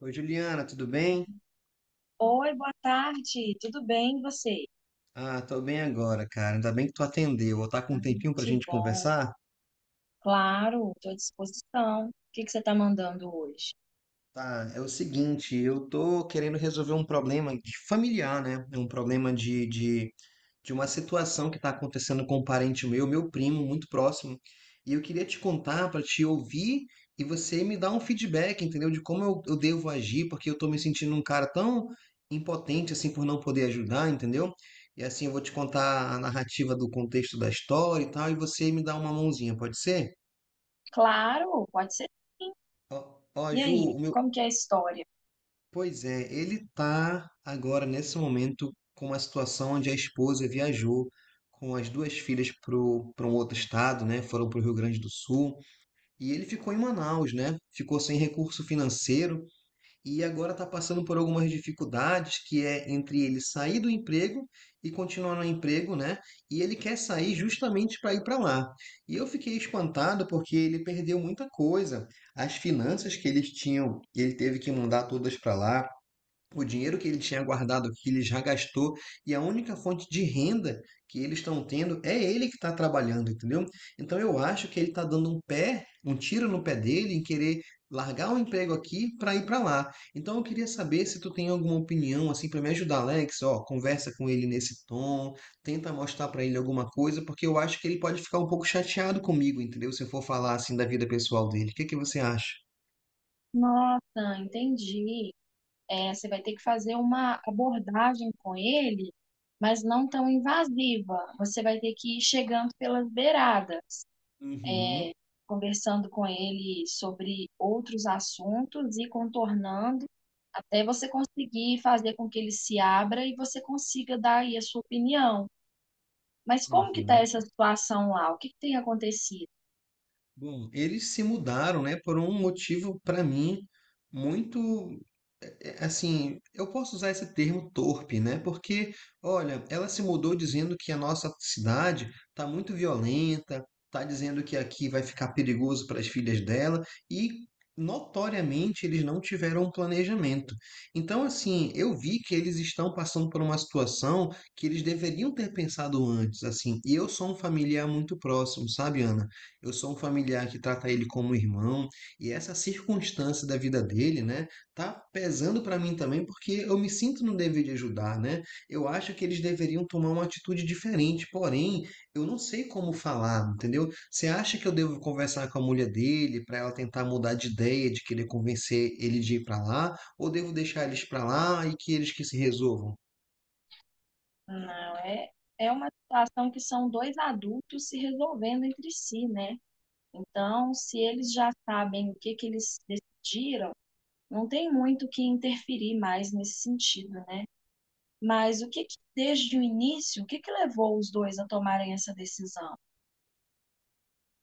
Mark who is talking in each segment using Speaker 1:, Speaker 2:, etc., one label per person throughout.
Speaker 1: Oi, Juliana, tudo bem?
Speaker 2: Oi, boa tarde. Tudo bem e você?
Speaker 1: Tô bem agora, cara. Ainda bem que tu atendeu. Tá com um tempinho pra
Speaker 2: Que
Speaker 1: gente
Speaker 2: bom.
Speaker 1: conversar?
Speaker 2: Claro, estou à disposição. O que você está mandando hoje?
Speaker 1: Tá, é o seguinte, eu tô querendo resolver um problema de familiar, né? É um problema de uma situação que tá acontecendo com um parente meu, meu primo, muito próximo. E eu queria te contar para te ouvir e você me dar um feedback, entendeu? De como eu devo agir, porque eu tô me sentindo um cara tão impotente assim por não poder ajudar, entendeu? E assim eu vou te contar a narrativa do contexto da história e tal, e você me dá uma mãozinha, pode ser?
Speaker 2: Claro, pode ser sim.
Speaker 1: Ó, ó,
Speaker 2: E
Speaker 1: Ju,
Speaker 2: aí,
Speaker 1: o meu,
Speaker 2: como que é a história?
Speaker 1: Pois é, ele tá agora nesse momento com uma situação onde a esposa viajou com as duas filhas para um outro estado, né? Foram para o Rio Grande do Sul e ele ficou em Manaus, né? Ficou sem recurso financeiro e agora está passando por algumas dificuldades que é entre ele sair do emprego e continuar no emprego, né? E ele quer sair justamente para ir para lá. E eu fiquei espantado porque ele perdeu muita coisa, as finanças que eles tinham, ele teve que mandar todas para lá, o dinheiro que ele tinha guardado, que ele já gastou, e a única fonte de renda que eles estão tendo é ele que está trabalhando, entendeu? Então eu acho que ele está dando um tiro no pé dele em querer largar um emprego aqui para ir para lá. Então eu queria saber se tu tem alguma opinião assim para me ajudar, Alex, ó, conversa com ele nesse tom, tenta mostrar para ele alguma coisa, porque eu acho que ele pode ficar um pouco chateado comigo, entendeu? Se eu for falar assim da vida pessoal dele. O que que você acha?
Speaker 2: Nossa, entendi. Você vai ter que fazer uma abordagem com ele, mas não tão invasiva. Você vai ter que ir chegando pelas beiradas,
Speaker 1: Uhum,
Speaker 2: conversando com ele sobre outros assuntos e contornando até você conseguir fazer com que ele se abra e você consiga dar aí a sua opinião. Mas como que está
Speaker 1: uhum.
Speaker 2: essa situação lá? O que tem acontecido?
Speaker 1: Bom, eles se mudaram, né, por um motivo para mim muito assim, eu posso usar esse termo torpe, né? Porque, olha, ela se mudou dizendo que a nossa cidade está muito violenta, está dizendo que aqui vai ficar perigoso para as filhas dela e notoriamente eles não tiveram um planejamento. Então, assim, eu vi que eles estão passando por uma situação que eles deveriam ter pensado antes, assim. E eu sou um familiar muito próximo, sabe, Ana? Eu sou um familiar que trata ele como irmão, e essa circunstância da vida dele, né, tá pesando para mim também, porque eu me sinto no dever de ajudar, né? Eu acho que eles deveriam tomar uma atitude diferente, porém, eu não sei como falar, entendeu? Você acha que eu devo conversar com a mulher dele para ela tentar mudar de ideia, de querer convencer ele de ir para lá, ou devo deixar eles para lá e que eles que se resolvam?
Speaker 2: Não, é, é uma situação que são dois adultos se resolvendo entre si, né? Então, se eles já sabem o que eles decidiram, não tem muito o que interferir mais nesse sentido, né? Mas o que desde o início, o que levou os dois a tomarem essa decisão?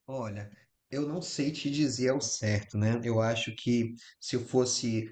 Speaker 1: Olha, eu não sei te dizer ao certo, né? Eu acho que se eu fosse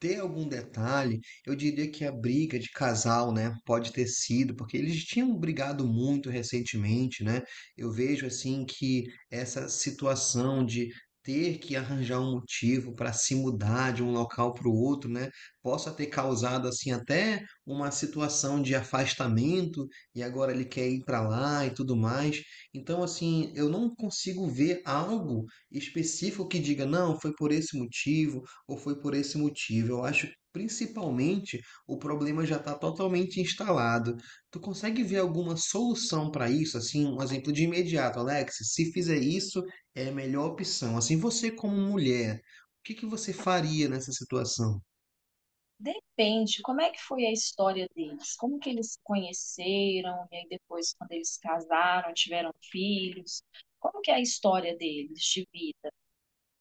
Speaker 1: ter algum detalhe, eu diria que a briga de casal, né, pode ter sido, porque eles tinham brigado muito recentemente, né? Eu vejo assim que essa situação de ter que arranjar um motivo para se mudar de um local para o outro, né, possa ter causado assim até uma situação de afastamento e agora ele quer ir para lá e tudo mais. Então assim, eu não consigo ver algo específico que diga, não, foi por esse motivo ou foi por esse motivo? Eu acho que principalmente o problema já está totalmente instalado. Tu consegue ver alguma solução para isso? Assim, um exemplo de imediato, Alex, se fizer isso, é a melhor opção. Assim, você como mulher, o que que você faria nessa situação?
Speaker 2: Depende, como é que foi a história deles? Como que eles se conheceram? E aí depois, quando eles casaram, tiveram filhos? Como que é a história deles de vida?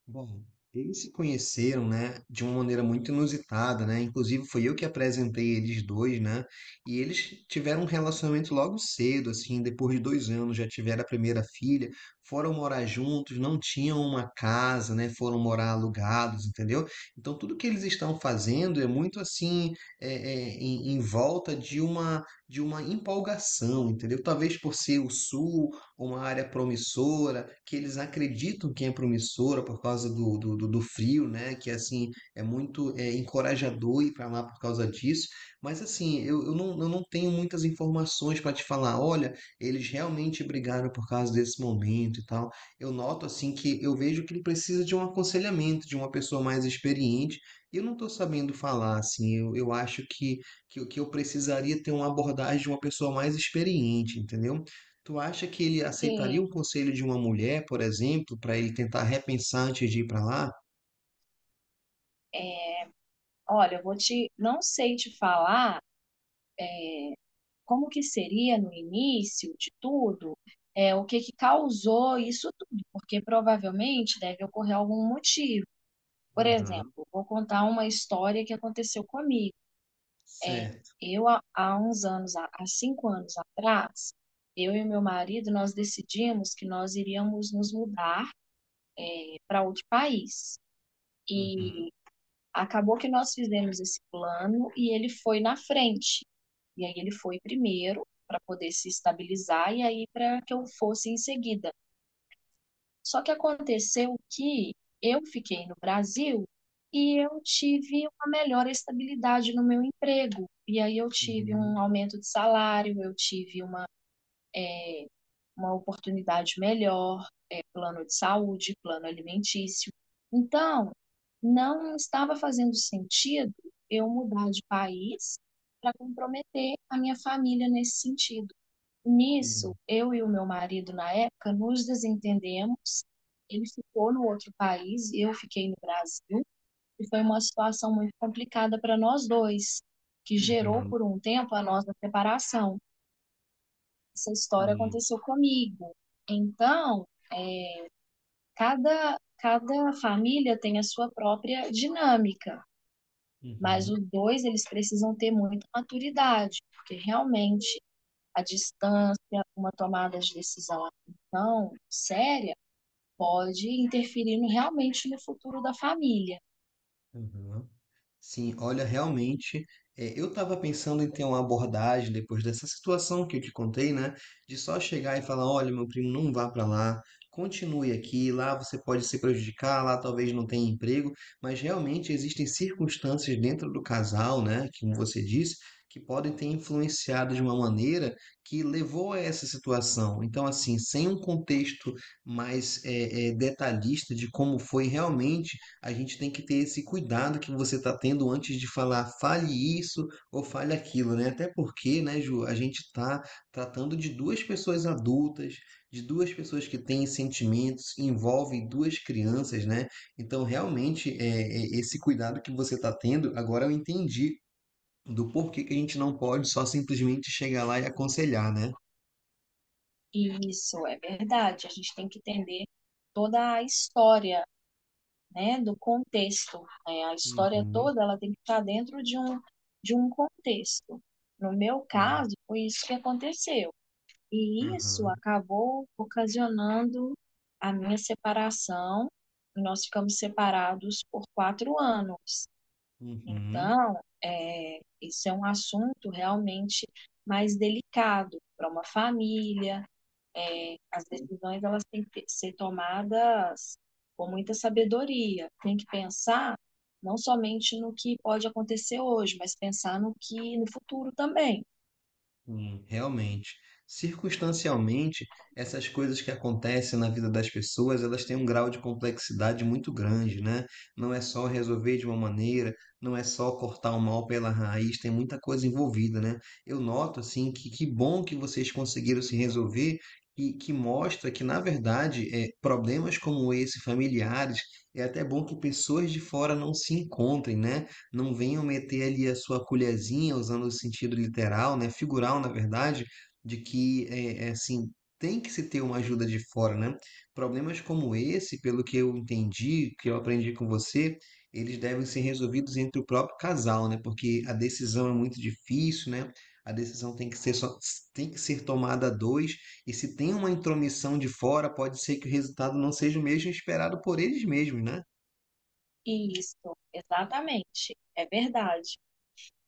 Speaker 1: Bom, eles se conheceram, né, de uma maneira muito inusitada, né? Inclusive foi eu que apresentei eles dois, né? E eles tiveram um relacionamento logo cedo, assim, depois de dois anos já tiveram a primeira filha, foram morar juntos, não tinham uma casa, né? Foram morar alugados, entendeu? Então tudo que eles estão fazendo é muito assim, em volta de uma empolgação, entendeu? Talvez por ser o sul, uma área promissora, que eles acreditam que é promissora por causa do frio, né? Que assim é muito encorajador ir para lá por causa disso. Mas assim, eu não tenho muitas informações para te falar. Olha, eles realmente brigaram por causa desse momento e tal. Eu noto assim que eu vejo que ele precisa de um aconselhamento, de uma pessoa mais experiente. E eu não estou sabendo falar, assim, eu acho que eu precisaria ter uma abordagem de uma pessoa mais experiente, entendeu? Tu acha que ele aceitaria
Speaker 2: E,
Speaker 1: o conselho de uma mulher, por exemplo, para ele tentar repensar antes de ir para lá?
Speaker 2: olha, não sei te falar como que seria no início de tudo, o que que causou isso tudo, porque provavelmente deve ocorrer algum motivo. Por
Speaker 1: Aham,
Speaker 2: exemplo, vou contar uma história que aconteceu comigo.
Speaker 1: certo.
Speaker 2: Eu, há uns anos, há 5 anos atrás, eu e meu marido, nós decidimos que nós iríamos nos mudar para outro país.
Speaker 1: Uhum,
Speaker 2: E acabou que nós fizemos esse plano e ele foi na frente. E aí ele foi primeiro para poder se estabilizar e aí para que eu fosse em seguida. Só que aconteceu que eu fiquei no Brasil e eu tive uma melhor estabilidade no meu emprego. E aí eu tive um
Speaker 1: uhum,
Speaker 2: aumento de salário, eu tive uma oportunidade melhor, plano de saúde, plano alimentício. Então, não estava fazendo sentido eu mudar de país para comprometer a minha família nesse sentido. Nisso,
Speaker 1: uhum,
Speaker 2: eu e o meu marido, na época, nos desentendemos. Ele ficou no outro país, eu fiquei no Brasil, e foi uma situação muito complicada para nós dois, que gerou
Speaker 1: uhum,
Speaker 2: por um tempo a nossa separação. Essa história
Speaker 1: uhum,
Speaker 2: aconteceu comigo. Então, cada família tem a sua própria dinâmica, mas os
Speaker 1: uhum,
Speaker 2: dois eles precisam ter muita maturidade, porque realmente a distância, uma tomada de decisão assim tão séria pode interferir realmente no futuro da família.
Speaker 1: uhum. Sim, olha, realmente, eu estava pensando em ter uma abordagem depois dessa situação que eu te contei, né? De só chegar e falar, olha, meu primo, não vá para lá, continue aqui, lá você pode se prejudicar, lá talvez não tenha emprego, mas realmente existem circunstâncias dentro do casal, né? que, como você disse, que podem ter influenciado de uma maneira que levou a essa situação. Então, assim, sem um contexto mais detalhista de como foi realmente, a gente tem que ter esse cuidado que você está tendo antes de falar, fale isso ou fale aquilo, né? Até porque, né, Ju, a gente está tratando de duas pessoas adultas, de duas pessoas que têm sentimentos, envolvem duas crianças, né? Então, realmente, esse cuidado que você está tendo, agora eu entendi do porquê que a gente não pode só simplesmente chegar lá e aconselhar, né?
Speaker 2: E isso é verdade. A gente tem que entender toda a história, né, do contexto. Né? A história
Speaker 1: Uhum,
Speaker 2: toda ela tem que estar dentro de um contexto. No meu
Speaker 1: sim.
Speaker 2: caso, foi isso que aconteceu. E isso
Speaker 1: Aham,
Speaker 2: acabou ocasionando a minha separação. Nós ficamos separados por 4 anos.
Speaker 1: uhum.
Speaker 2: Então, isso é um assunto realmente mais delicado para uma família. As decisões elas têm que ser tomadas com muita sabedoria. Tem que pensar não somente no que pode acontecer hoje, mas pensar no que no futuro também.
Speaker 1: Sim, realmente. Circunstancialmente, essas coisas que acontecem na vida das pessoas, elas têm um grau de complexidade muito grande, né? Não é só resolver de uma maneira, não é só cortar o mal pela raiz, tem muita coisa envolvida, né? Eu noto, assim, que bom que vocês conseguiram se resolver e que mostra que, na verdade, problemas como esse, familiares, é até bom que pessoas de fora não se encontrem, né? Não venham meter ali a sua colherzinha, usando o sentido literal, né, figural, na verdade, de que, assim, tem que se ter uma ajuda de fora, né? Problemas como esse, pelo que eu entendi, que eu aprendi com você, eles devem ser resolvidos entre o próprio casal, né? Porque a decisão é muito difícil, né? A decisão tem que ser só, tem que ser tomada a dois, e se tem uma intromissão de fora, pode ser que o resultado não seja o mesmo esperado por eles mesmos, né?
Speaker 2: Isso, exatamente, é verdade.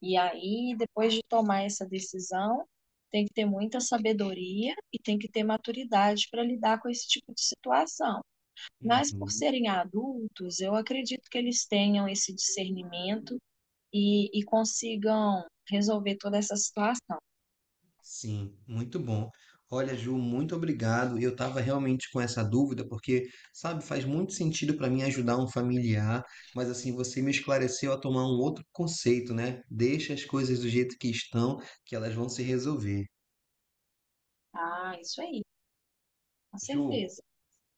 Speaker 2: E aí, depois de tomar essa decisão, tem que ter muita sabedoria e tem que ter maturidade para lidar com esse tipo de situação. Mas por
Speaker 1: Uhum.
Speaker 2: serem adultos, eu acredito que eles tenham esse discernimento e consigam resolver toda essa situação.
Speaker 1: Sim, muito bom. Olha, Ju, muito obrigado. Eu estava realmente com essa dúvida, porque, sabe, faz muito sentido para mim ajudar um familiar, mas assim, você me esclareceu a tomar um outro conceito, né? Deixa as coisas do jeito que estão, que elas vão se resolver.
Speaker 2: Ah, isso aí, com
Speaker 1: Ju,
Speaker 2: certeza.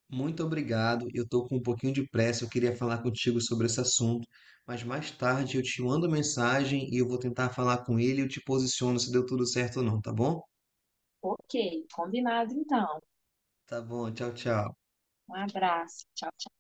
Speaker 1: muito obrigado. Eu estou com um pouquinho de pressa, eu queria falar contigo sobre esse assunto, mas mais tarde eu te mando mensagem e eu vou tentar falar com ele e eu te posiciono se deu tudo certo ou não, tá bom?
Speaker 2: Ok, combinado então.
Speaker 1: Tá bom, tchau, tchau.
Speaker 2: Um abraço. Tchau, tchau.